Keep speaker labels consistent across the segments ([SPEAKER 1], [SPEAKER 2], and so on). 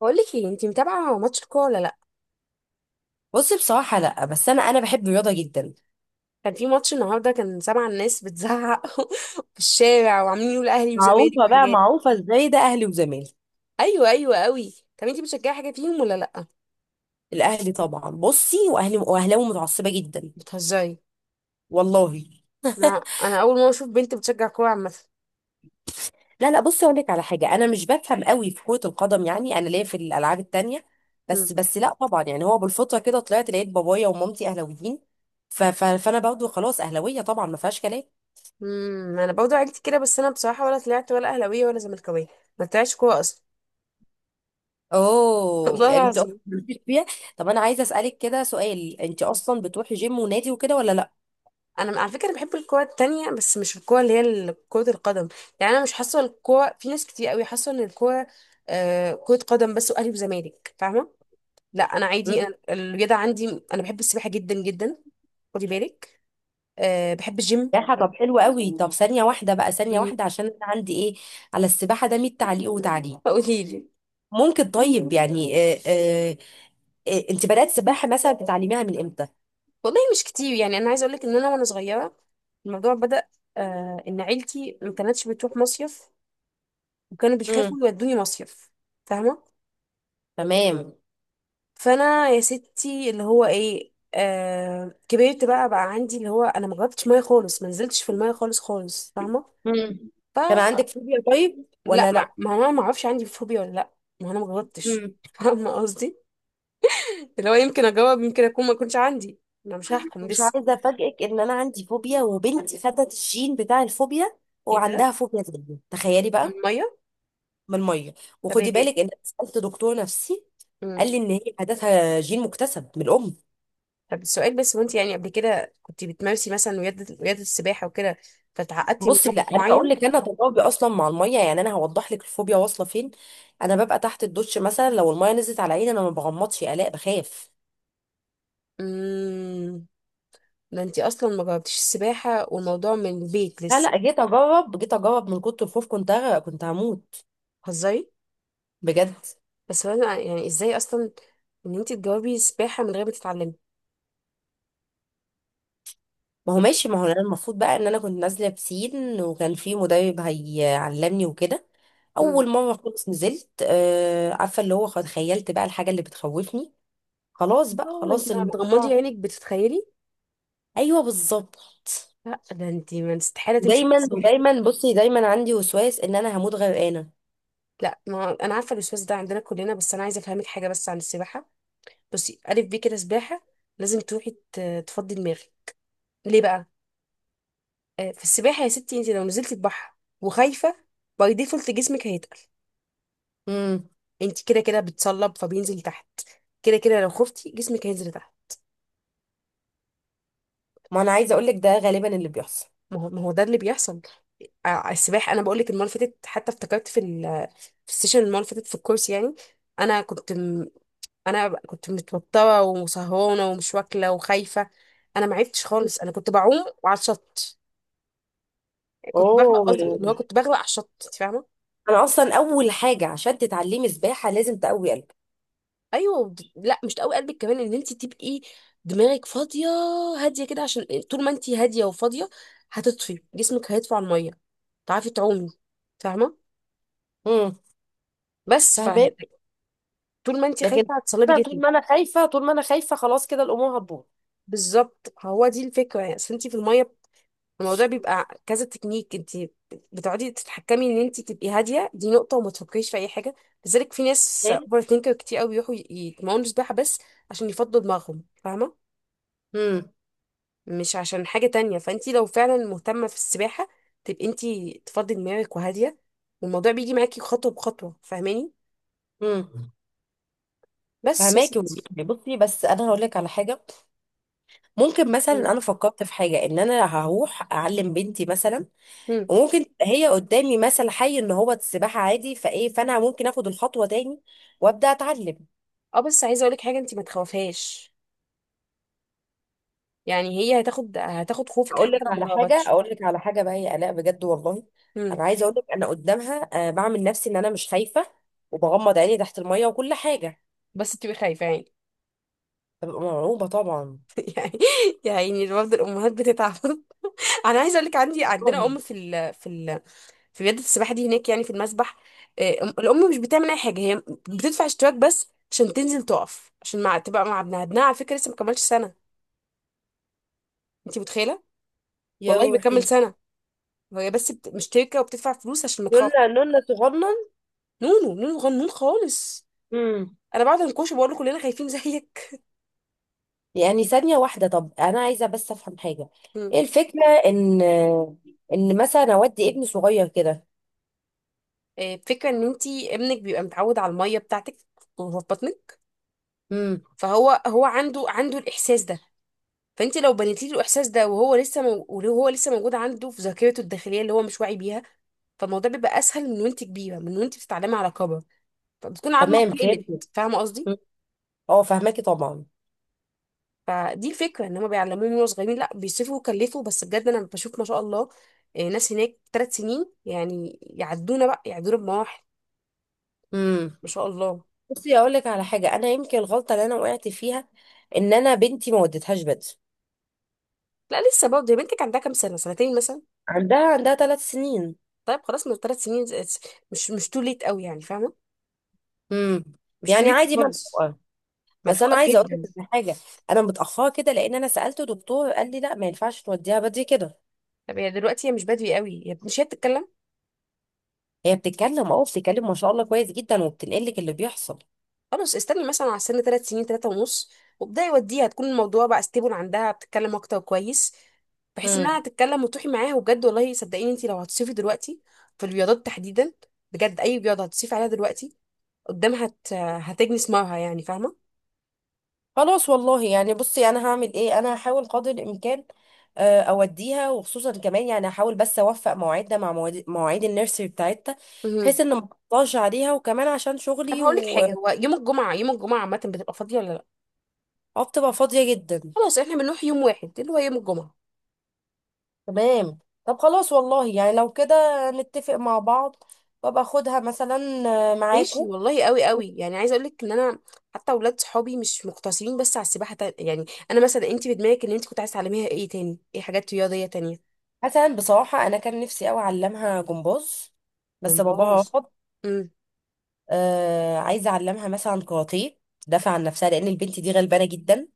[SPEAKER 1] بقول لك ايه؟ انت متابعه ماتش الكوره ولا لا؟
[SPEAKER 2] بصي، بصراحة لا، بس أنا بحب الرياضة جدا.
[SPEAKER 1] كان في ماتش النهارده، كان سامعه الناس بتزعق في الشارع وعاملين يقولوا اهلي وزمالك
[SPEAKER 2] معروفة بقى،
[SPEAKER 1] وحاجات.
[SPEAKER 2] معروفة إزاي ده أهلي وزمالي.
[SPEAKER 1] ايوه، ايوه قوي. طب انت بتشجعي حاجه فيهم ولا لا؟
[SPEAKER 2] الأهلي طبعا، بصي، وأهلي وأهلاوي متعصبة جدا.
[SPEAKER 1] بتهزري؟
[SPEAKER 2] والله.
[SPEAKER 1] انا انا اول مره اشوف بنت بتشجع كوره عامه.
[SPEAKER 2] لا لا، بصي، أقول لك على حاجة. أنا مش بفهم قوي في كرة القدم، يعني أنا ليا في الألعاب التانية.
[SPEAKER 1] أمم،
[SPEAKER 2] بس لا طبعا، يعني هو بالفطرة كده طلعت لقيت بابايا ومامتي أهلاويين. ف ف فأنا برضه خلاص أهلاوية طبعا، ما فيهاش كلام.
[SPEAKER 1] أمم، انا برضه عيلتي كده، بس انا بصراحه ولا طلعت ولا اهلاويه ولا زملكاويه، ما طلعتش كوره اصلا.
[SPEAKER 2] أوه،
[SPEAKER 1] والله
[SPEAKER 2] يعني أنت أصلا
[SPEAKER 1] العظيم.
[SPEAKER 2] مالكيش فيها. طب أنا عايزة أسألك كده سؤال، أنت أصلا بتروحي جيم ونادي وكده ولا
[SPEAKER 1] انا على فكره بحب الكوره التانية، بس مش الكوره اللي هي كره القدم. يعني انا مش حاسه الكوره، في ناس كتير قوي حاسه ان الكوره كره قدم بس، واهلي وزمالك، فاهمه؟ لا انا
[SPEAKER 2] لا؟
[SPEAKER 1] عادي، أنا الرياضه عندي انا بحب السباحه جدا جدا. خدي بالك، بحب الجيم.
[SPEAKER 2] سباحة؟ طب حلو قوي. طب ثانية واحدة بقى، ثانية
[SPEAKER 1] مم.
[SPEAKER 2] واحدة، عشان أنا عندي إيه على السباحة ده 100 تعليق وتعليق.
[SPEAKER 1] فقولي لي.
[SPEAKER 2] ممكن؟ طيب، يعني أنت بدأت سباحة مثلا بتعلميها من إمتى؟
[SPEAKER 1] والله مش كتير، يعني انا عايزه اقول لك ان انا وانا صغيره الموضوع بدأ، ان عيلتي ما كانتش بتروح مصيف وكانوا
[SPEAKER 2] امم.
[SPEAKER 1] بيخافوا يودوني مصيف، فاهمه؟
[SPEAKER 2] تمام.
[SPEAKER 1] فانا يا ستي اللي هو ايه، كبرت بقى عندي اللي هو انا ما جربتش ميه خالص، ما نزلتش في الميه خالص خالص، فاهمه؟
[SPEAKER 2] امم.
[SPEAKER 1] ف
[SPEAKER 2] كان عندك فوبيا طيب
[SPEAKER 1] لا
[SPEAKER 2] ولا
[SPEAKER 1] ما,
[SPEAKER 2] لأ؟
[SPEAKER 1] ما انا ما اعرفش عندي فوبيا ولا لا. ما انا ما جربتش
[SPEAKER 2] امم.
[SPEAKER 1] فاهمه قصدي. اللي هو يمكن اجاوب يمكن اكون ما كنتش عندي، انا مش هحكم
[SPEAKER 2] مش
[SPEAKER 1] لسه.
[SPEAKER 2] عايزة أفاجئك إن أنا عندي فوبيا وبنتي خدت الجين بتاع الفوبيا،
[SPEAKER 1] ايه ده؟
[SPEAKER 2] وعندها فوبيا تانية تخيلي
[SPEAKER 1] من
[SPEAKER 2] بقى.
[SPEAKER 1] الميه؟
[SPEAKER 2] من المية.
[SPEAKER 1] طب يا
[SPEAKER 2] وخدي
[SPEAKER 1] جاي.
[SPEAKER 2] بالك إن أنا سألت دكتور نفسي، قال
[SPEAKER 1] مم.
[SPEAKER 2] لي إن هي عادتها جين مكتسب من الأم.
[SPEAKER 1] طب السؤال بس، وانت يعني قبل كده كنت بتمارسي مثلا رياضه رياضه السباحه وكده فتعقدتي من
[SPEAKER 2] بصي لا،
[SPEAKER 1] موقف
[SPEAKER 2] انا هقول
[SPEAKER 1] معين؟
[SPEAKER 2] لك، انا تجاربي اصلا مع الميه، يعني انا هوضح لك الفوبيا واصله فين. انا ببقى تحت الدش مثلا، لو الميه نزلت على عيني انا ما بغمضش، يا الاء بخاف.
[SPEAKER 1] مم. ده انتي اصلا ما جربتيش السباحه، والموضوع من البيت
[SPEAKER 2] لا
[SPEAKER 1] لسه.
[SPEAKER 2] لا، جيت اجرب، جيت اجرب، من كتر الخوف كنت هغرق، كنت هموت.
[SPEAKER 1] هزاري.
[SPEAKER 2] بجد.
[SPEAKER 1] بس انا يعني ازاي اصلا ان انتي تجاوبي السباحه من غير ما تتعلمي؟
[SPEAKER 2] ما هو
[SPEAKER 1] يعني.
[SPEAKER 2] ماشي، ما هو انا المفروض بقى ان انا كنت نازله بسين وكان في مدرب هيعلمني وكده.
[SPEAKER 1] امم.
[SPEAKER 2] اول مره خالص نزلت، آه عارفه اللي هو تخيلت بقى الحاجه اللي بتخوفني. خلاص بقى،
[SPEAKER 1] اه انتي
[SPEAKER 2] خلاص
[SPEAKER 1] لما بتغمضي
[SPEAKER 2] الموضوع.
[SPEAKER 1] عينك بتتخيلي.
[SPEAKER 2] ايوه بالظبط.
[SPEAKER 1] لا ده انتي ما استحاله تمشي في
[SPEAKER 2] دايما
[SPEAKER 1] السباحه.
[SPEAKER 2] ودايما، بصي دايما عندي وسواس ان انا هموت غرقانه.
[SPEAKER 1] لا ما انا عارفه الاستاذ ده عندنا كلنا، بس انا عايزه افهمك حاجه بس عن السباحه. بصي الف بيه كده سباحه لازم تروحي تفضي دماغك. ليه بقى؟ في السباحه يا ستي، انتي لو نزلتي البحر وخايفه، باي ديفولت جسمك هيتقل.
[SPEAKER 2] امم.
[SPEAKER 1] انت كده كده بتصلب فبينزل تحت. كده كده لو خفتي جسمك هينزل تحت.
[SPEAKER 2] ما انا عايزه اقول لك، ده غالبا اللي بيحصل.
[SPEAKER 1] ما هو ما هو ده اللي بيحصل. السباحه انا بقول لك المره اللي فاتت، حتى افتكرت في السيشن المره اللي فاتت في الكورس يعني، انا كنت انا كنت متوتره وسهرانه ومش واكله وخايفه، انا ما عرفتش خالص، انا كنت بعوم وعلى الشط كنت بغرق،
[SPEAKER 2] اوه.
[SPEAKER 1] قصدي اللي هو كنت بغرق على الشط، انت فاهمه؟
[SPEAKER 2] انا اصلا اول حاجه عشان تتعلمي سباحه لازم تقوي قلبك.
[SPEAKER 1] ايوه لا مش قوي قلبك كمان، ان انت تبقي دماغك فاضيه هاديه كده، عشان طول ما انت هاديه وفاضيه هتطفي، جسمك هيطفو على الميه، تعرفي تعومي، فاهمه؟
[SPEAKER 2] امم.
[SPEAKER 1] بس
[SPEAKER 2] فاهمه.
[SPEAKER 1] فطول ما انت
[SPEAKER 2] لكن
[SPEAKER 1] خايفه هتصلبي
[SPEAKER 2] أنا طول
[SPEAKER 1] جسمك.
[SPEAKER 2] ما انا خايفه، طول ما انا خايفه، خلاص كده الامور هتبوظ.
[SPEAKER 1] بالظبط، هو دي الفكره، يعني اصل انت في الميه الموضوع بيبقى كذا تكنيك، انت بتقعدي تتحكمي ان انت تبقي هاديه، دي نقطه، وما تفكريش في اي حاجه. لذلك في ناس
[SPEAKER 2] تمام.
[SPEAKER 1] اوفر ثينكر كتير قوي بيروحوا يتمرنوا سباحه بس عشان يفضوا دماغهم، فاهمه؟
[SPEAKER 2] امم.
[SPEAKER 1] مش عشان حاجه تانية. فانت لو فعلا مهتمه في السباحه تبقي انت تفضي دماغك وهاديه، والموضوع بيجي معاكي خطوه بخطوه، فاهماني؟
[SPEAKER 2] امم.
[SPEAKER 1] بس يا
[SPEAKER 2] فهماكي
[SPEAKER 1] ستي.
[SPEAKER 2] والله. بصي، بس انا هقول لك على حاجه. ممكن
[SPEAKER 1] مم.
[SPEAKER 2] مثلا انا فكرت في حاجه، ان انا هروح اعلم بنتي مثلا.
[SPEAKER 1] مم.
[SPEAKER 2] وممكن تبقى هي قدامي مثل حي ان هو السباحه عادي فايه، فانا ممكن اخد الخطوه تاني وابدا اتعلم.
[SPEAKER 1] اه بس عايزه اقولك حاجه، انت ما تخافيهاش، يعني هي هتاخد خوفك
[SPEAKER 2] اقول
[SPEAKER 1] حتى
[SPEAKER 2] لك
[SPEAKER 1] لو ما
[SPEAKER 2] على حاجه،
[SPEAKER 1] جاوبتش.
[SPEAKER 2] اقول لك على حاجه بقى يا الاء بجد والله.
[SPEAKER 1] امم.
[SPEAKER 2] انا عايزه اقول لك، انا قدامها بعمل نفسي ان انا مش خايفه، وبغمض عيني تحت الميه وكل حاجه.
[SPEAKER 1] بس تبقي خايفه يعني.
[SPEAKER 2] ببقى مرعوبه طبعا.
[SPEAKER 1] يعني يعني برضه الامهات بتتعب. انا عايزه اقولك عندنا
[SPEAKER 2] طبعاً.
[SPEAKER 1] ام في ال في رياضه السباحه دي هناك، يعني في المسبح، الام مش بتعمل اي حاجه، هي بتدفع اشتراك بس عشان تنزل تقف عشان مع تبقى مع ابنها، ابنها على فكره لسه ما كملش سنه، انت متخيله؟
[SPEAKER 2] يا
[SPEAKER 1] والله بيكمل
[SPEAKER 2] روحي.
[SPEAKER 1] سنه. هي بس مشتركه وبتدفع فلوس عشان ما تخاف.
[SPEAKER 2] نونا نونا صغنن.
[SPEAKER 1] نونو نونو غنون خالص.
[SPEAKER 2] امم.
[SPEAKER 1] انا بعد انكوش بقول له كلنا خايفين زيك.
[SPEAKER 2] يعني ثانيه واحده، طب انا عايزه بس افهم حاجه. ايه الفكره ان ان مثلا اودي ابني صغير كده.
[SPEAKER 1] فكرة ان انتي ابنك بيبقى متعود على المية بتاعتك وهو في بطنك،
[SPEAKER 2] امم.
[SPEAKER 1] فهو عنده الاحساس ده، فانت لو بنيتي له الاحساس ده وهو لسه وهو لسه موجود عنده في ذاكرته الداخليه اللي هو مش واعي بيها، فالموضوع بيبقى اسهل من وانت كبيره، من وانت بتتعلمي على كبر فبتكون عظمه
[SPEAKER 2] تمام فهمت.
[SPEAKER 1] اتقلت، فاهمه قصدي؟
[SPEAKER 2] اه فهماكي طبعا.
[SPEAKER 1] فدي الفكره، ان هم بيعلموه من وهو صغيرين، لا بيصرفوا ويكلفوا، بس بجد انا بشوف ما شاء الله، ناس هناك 3 سنين يعني يعدونا بقى، يعدونا بمراحل،
[SPEAKER 2] امم.
[SPEAKER 1] ما شاء الله.
[SPEAKER 2] بصي اقول لك على حاجه، انا يمكن الغلطه اللي انا وقعت فيها ان انا بنتي ما وديتهاش بدري.
[SPEAKER 1] لا لسه برضه، يا بنتك عندها كام سنه، سنتين مثلا؟
[SPEAKER 2] عندها 3 سنين.
[SPEAKER 1] طيب خلاص من 3 سنين مش تو ليت قوي يعني، فاهمه؟
[SPEAKER 2] امم.
[SPEAKER 1] مش تو
[SPEAKER 2] يعني
[SPEAKER 1] ليت
[SPEAKER 2] عادي،
[SPEAKER 1] خالص،
[SPEAKER 2] منطقه. بس انا
[SPEAKER 1] ملحوقه
[SPEAKER 2] عايزه اقول
[SPEAKER 1] جدا.
[SPEAKER 2] لك على حاجه، انا متاخره كده لان انا سالته دكتور قال لي لا، ما ينفعش توديها بدري كده.
[SPEAKER 1] طب هي دلوقتي هي مش بادئه قوي، هي مش هي بتتكلم؟
[SPEAKER 2] هي بتتكلم، اه بتتكلم ما شاء الله كويس جدا، وبتنقل لك اللي بيحصل.
[SPEAKER 1] خلاص استني مثلا على سن 3 سنين، ثلاثه ونص، وابداي وديها، تكون الموضوع بقى ستيبل عندها، بتتكلم اكتر كويس، بحيث
[SPEAKER 2] امم.
[SPEAKER 1] انها تتكلم وتروحي معاها، وبجد والله صدقيني، انت لو هتصيفي دلوقتي في الرياضات تحديدا، بجد اي رياضه هتصيفي عليها دلوقتي قدامها هتجني ثمارها، يعني فاهمه؟
[SPEAKER 2] خلاص والله يعني، بصي انا هعمل ايه، انا هحاول قدر الامكان اوديها، وخصوصا كمان يعني هحاول بس اوفق مواعيدنا مع مواعيد النيرسري بتاعتها،
[SPEAKER 1] مهم.
[SPEAKER 2] بحيث ان ما اقطعش عليها وكمان عشان
[SPEAKER 1] طب
[SPEAKER 2] شغلي.
[SPEAKER 1] هقول لك حاجه،
[SPEAKER 2] وبتبقى
[SPEAKER 1] هو يوم الجمعه، يوم الجمعه عامه بتبقى فاضيه ولا لا؟
[SPEAKER 2] فاضيه جدا.
[SPEAKER 1] خلاص احنا بنروح يوم واحد اللي هو يوم الجمعه.
[SPEAKER 2] تمام. طب خلاص والله يعني لو كده نتفق مع بعض، وابقى اخدها مثلا،
[SPEAKER 1] ماشي
[SPEAKER 2] معاكو.
[SPEAKER 1] والله، قوي قوي. يعني عايزه اقول لك ان انا حتى اولاد صحابي مش مقتصرين بس على السباحه يعني انا مثلا، انت في دماغك ان انت كنت عايزه تعلميها ايه تاني، ايه حاجات رياضيه تانية؟
[SPEAKER 2] حسنا بصراحه، انا كان نفسي قوي اعلمها جمباز، بس باباها
[SPEAKER 1] جمباز.
[SPEAKER 2] رفض.
[SPEAKER 1] امم.
[SPEAKER 2] آه عايزه اعلمها مثلا كاراتيه تدافع عن نفسها، لان البنت دي غلبانه جدا.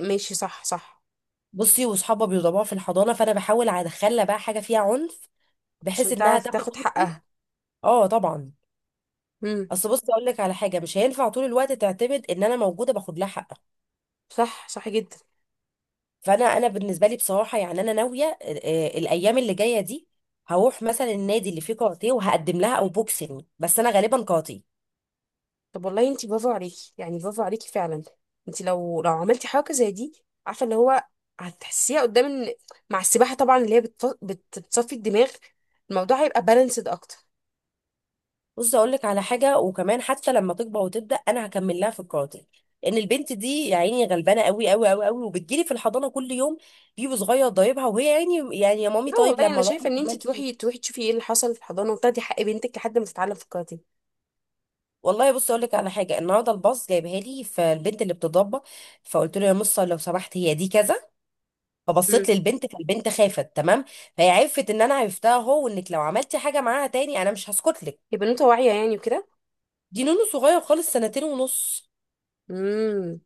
[SPEAKER 1] ماشي، صح صح.
[SPEAKER 2] بصي، واصحابها بيدوروا في الحضانه، فانا بحاول ادخلها بقى حاجه فيها عنف، بحيث
[SPEAKER 1] عشان
[SPEAKER 2] انها
[SPEAKER 1] تعرف
[SPEAKER 2] تاخد
[SPEAKER 1] تاخد
[SPEAKER 2] حقوقي.
[SPEAKER 1] حقها.
[SPEAKER 2] اه طبعا.
[SPEAKER 1] امم.
[SPEAKER 2] اصل بصي اقول لك على حاجه، مش هينفع طول الوقت تعتمد ان انا موجوده باخد لها حقها.
[SPEAKER 1] صح، صح جدا.
[SPEAKER 2] فانا، انا بالنسبه لي بصراحه يعني انا ناويه، الايام اللي جايه دي هروح مثلا النادي اللي فيه كاراتيه وهقدم لها، او بوكسينج، بس انا غالبا كاراتيه.
[SPEAKER 1] طب والله انت برافو عليكي، يعني برافو عليكي فعلا. انت لو عملتي حركه زي دي، عارفه اللي هو هتحسيها قدام مع السباحه طبعا، اللي هي بتصفي الدماغ، الموضوع هيبقى بالانسد اكتر.
[SPEAKER 2] بص اقول لك على حاجه، وكمان حتى لما تكبر وتبدا انا هكمل لها في الكاراتيه، لان البنت دي يا عيني غلبانه قوي قوي قوي قوي. وبتجيلي في الحضانه كل يوم بيبو صغير ضايبها، وهي يا عيني يعني يا
[SPEAKER 1] لا
[SPEAKER 2] مامي طيب
[SPEAKER 1] والله
[SPEAKER 2] لما
[SPEAKER 1] انا
[SPEAKER 2] اروح
[SPEAKER 1] شايفه ان انت
[SPEAKER 2] أعمل
[SPEAKER 1] تروحي
[SPEAKER 2] إيه؟
[SPEAKER 1] تروحي تشوفي ايه اللي حصل في الحضانه، وتاخدي حق بنتك لحد ما تتعلم في الكاراتيه.
[SPEAKER 2] والله بص اقول لك على حاجه، النهارده الباص جايبها لي، فالبنت اللي بتضربها فقلت له يا مصه لو سمحت هي دي كذا. فبصيت
[SPEAKER 1] امم.
[SPEAKER 2] للبنت فالبنت خافت تمام. فهي عرفت ان انا عرفتها، هو وانك لو عملتي حاجه معاها تاني انا مش هسكت لك.
[SPEAKER 1] يبقى بنوته واعيه يعني وكده.
[SPEAKER 2] دي نونو صغير خالص، 2 ونص.
[SPEAKER 1] امم.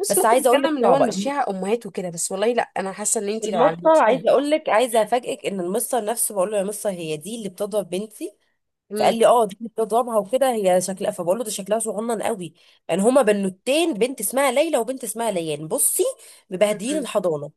[SPEAKER 1] بس
[SPEAKER 2] بس
[SPEAKER 1] ممكن
[SPEAKER 2] عايزه اقول لك
[SPEAKER 1] نتكلم اللي هو
[SPEAKER 2] صعبه،
[SPEAKER 1] نمشيها امهات وكده، بس والله لا انا حاسه ان انت لو
[SPEAKER 2] المصة
[SPEAKER 1] علمتيها.
[SPEAKER 2] عايزة اقول لك، عايزة افاجئك ان المصة نفسه بقول له يا مصة هي دي اللي بتضرب بنتي.
[SPEAKER 1] امم.
[SPEAKER 2] فقال لي اه دي اللي بتضربها وكده، هي شكلها، فبقول له ده شكلها صغنن قوي. يعني هما بنوتين، بنت اسمها ليلى وبنت اسمها ليان، بصي مبهدلين
[SPEAKER 1] امم.
[SPEAKER 2] الحضانة.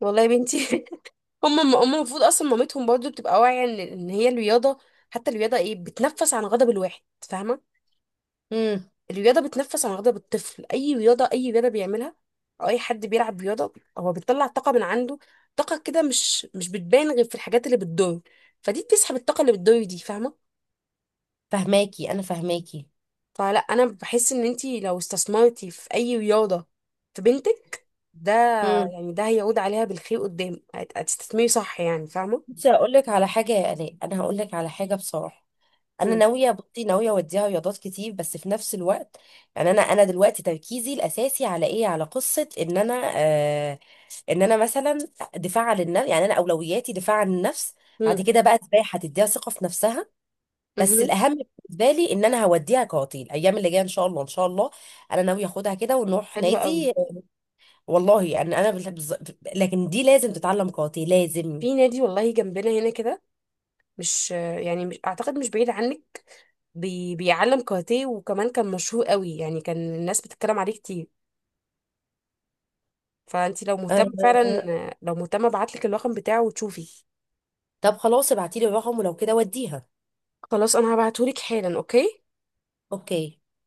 [SPEAKER 1] والله يا بنتي. هم المفروض اصلا مامتهم برضو بتبقى واعيه ان إن هي الرياضه، حتى الرياضه ايه، بتنفس عن غضب الواحد، فاهمه؟
[SPEAKER 2] امم.
[SPEAKER 1] الرياضة بتنفس عن بالطفل، أي رياضة بيعملها، أو أي حد بيلعب رياضة هو بيطلع طاقة من عنده، طاقة كده مش بتبان غير في الحاجات اللي بتضر، فدي بتسحب الطاقة اللي بتضر دي، فاهمة؟
[SPEAKER 2] فهماكي انا فهماكي.
[SPEAKER 1] فلا أنا بحس إن أنتي لو استثمرتي في أي رياضة في بنتك، ده
[SPEAKER 2] امم.
[SPEAKER 1] يعني ده هيعود عليها بالخير قدام هتستثمري صح يعني، فاهمة؟
[SPEAKER 2] بصي هقول لك على حاجة يا آلاء، انا هقول لك على حاجة بصراحة. انا
[SPEAKER 1] مم.
[SPEAKER 2] ناويه، بصي ناويه اوديها رياضات كتير، بس في نفس الوقت يعني انا دلوقتي تركيزي الاساسي على ايه، على قصه ان انا، ان انا مثلا دفاع عن النفس. يعني انا اولوياتي دفاع عن النفس.
[SPEAKER 1] مم.
[SPEAKER 2] بعد كده بقى سباحه تديها ثقه في نفسها. بس
[SPEAKER 1] مهم.
[SPEAKER 2] الاهم بالنسبه لي، ان انا هوديها قاعدين الايام اللي جايه ان شاء الله ان شاء الله. انا ناويه اخدها كده ونروح
[SPEAKER 1] حلو قوي.
[SPEAKER 2] نادي. والله يعني انا لكن دي لازم تتعلم قاعدين، لازم.
[SPEAKER 1] في نادي والله جنبنا هنا كده، مش يعني مش أعتقد مش بعيد عنك، بي بيعلم كاراتيه، وكمان كان مشهور قوي يعني كان الناس بتتكلم عليه كتير، فانت لو
[SPEAKER 2] آه،
[SPEAKER 1] مهتمه
[SPEAKER 2] آه،
[SPEAKER 1] فعلا،
[SPEAKER 2] آه.
[SPEAKER 1] لو مهتمه ابعتلك الرقم بتاعه وتشوفي.
[SPEAKER 2] طب خلاص ابعتيلي الرقم، ولو كده وديها.
[SPEAKER 1] خلاص انا هبعتهولك حالا، اوكي.
[SPEAKER 2] اوكي.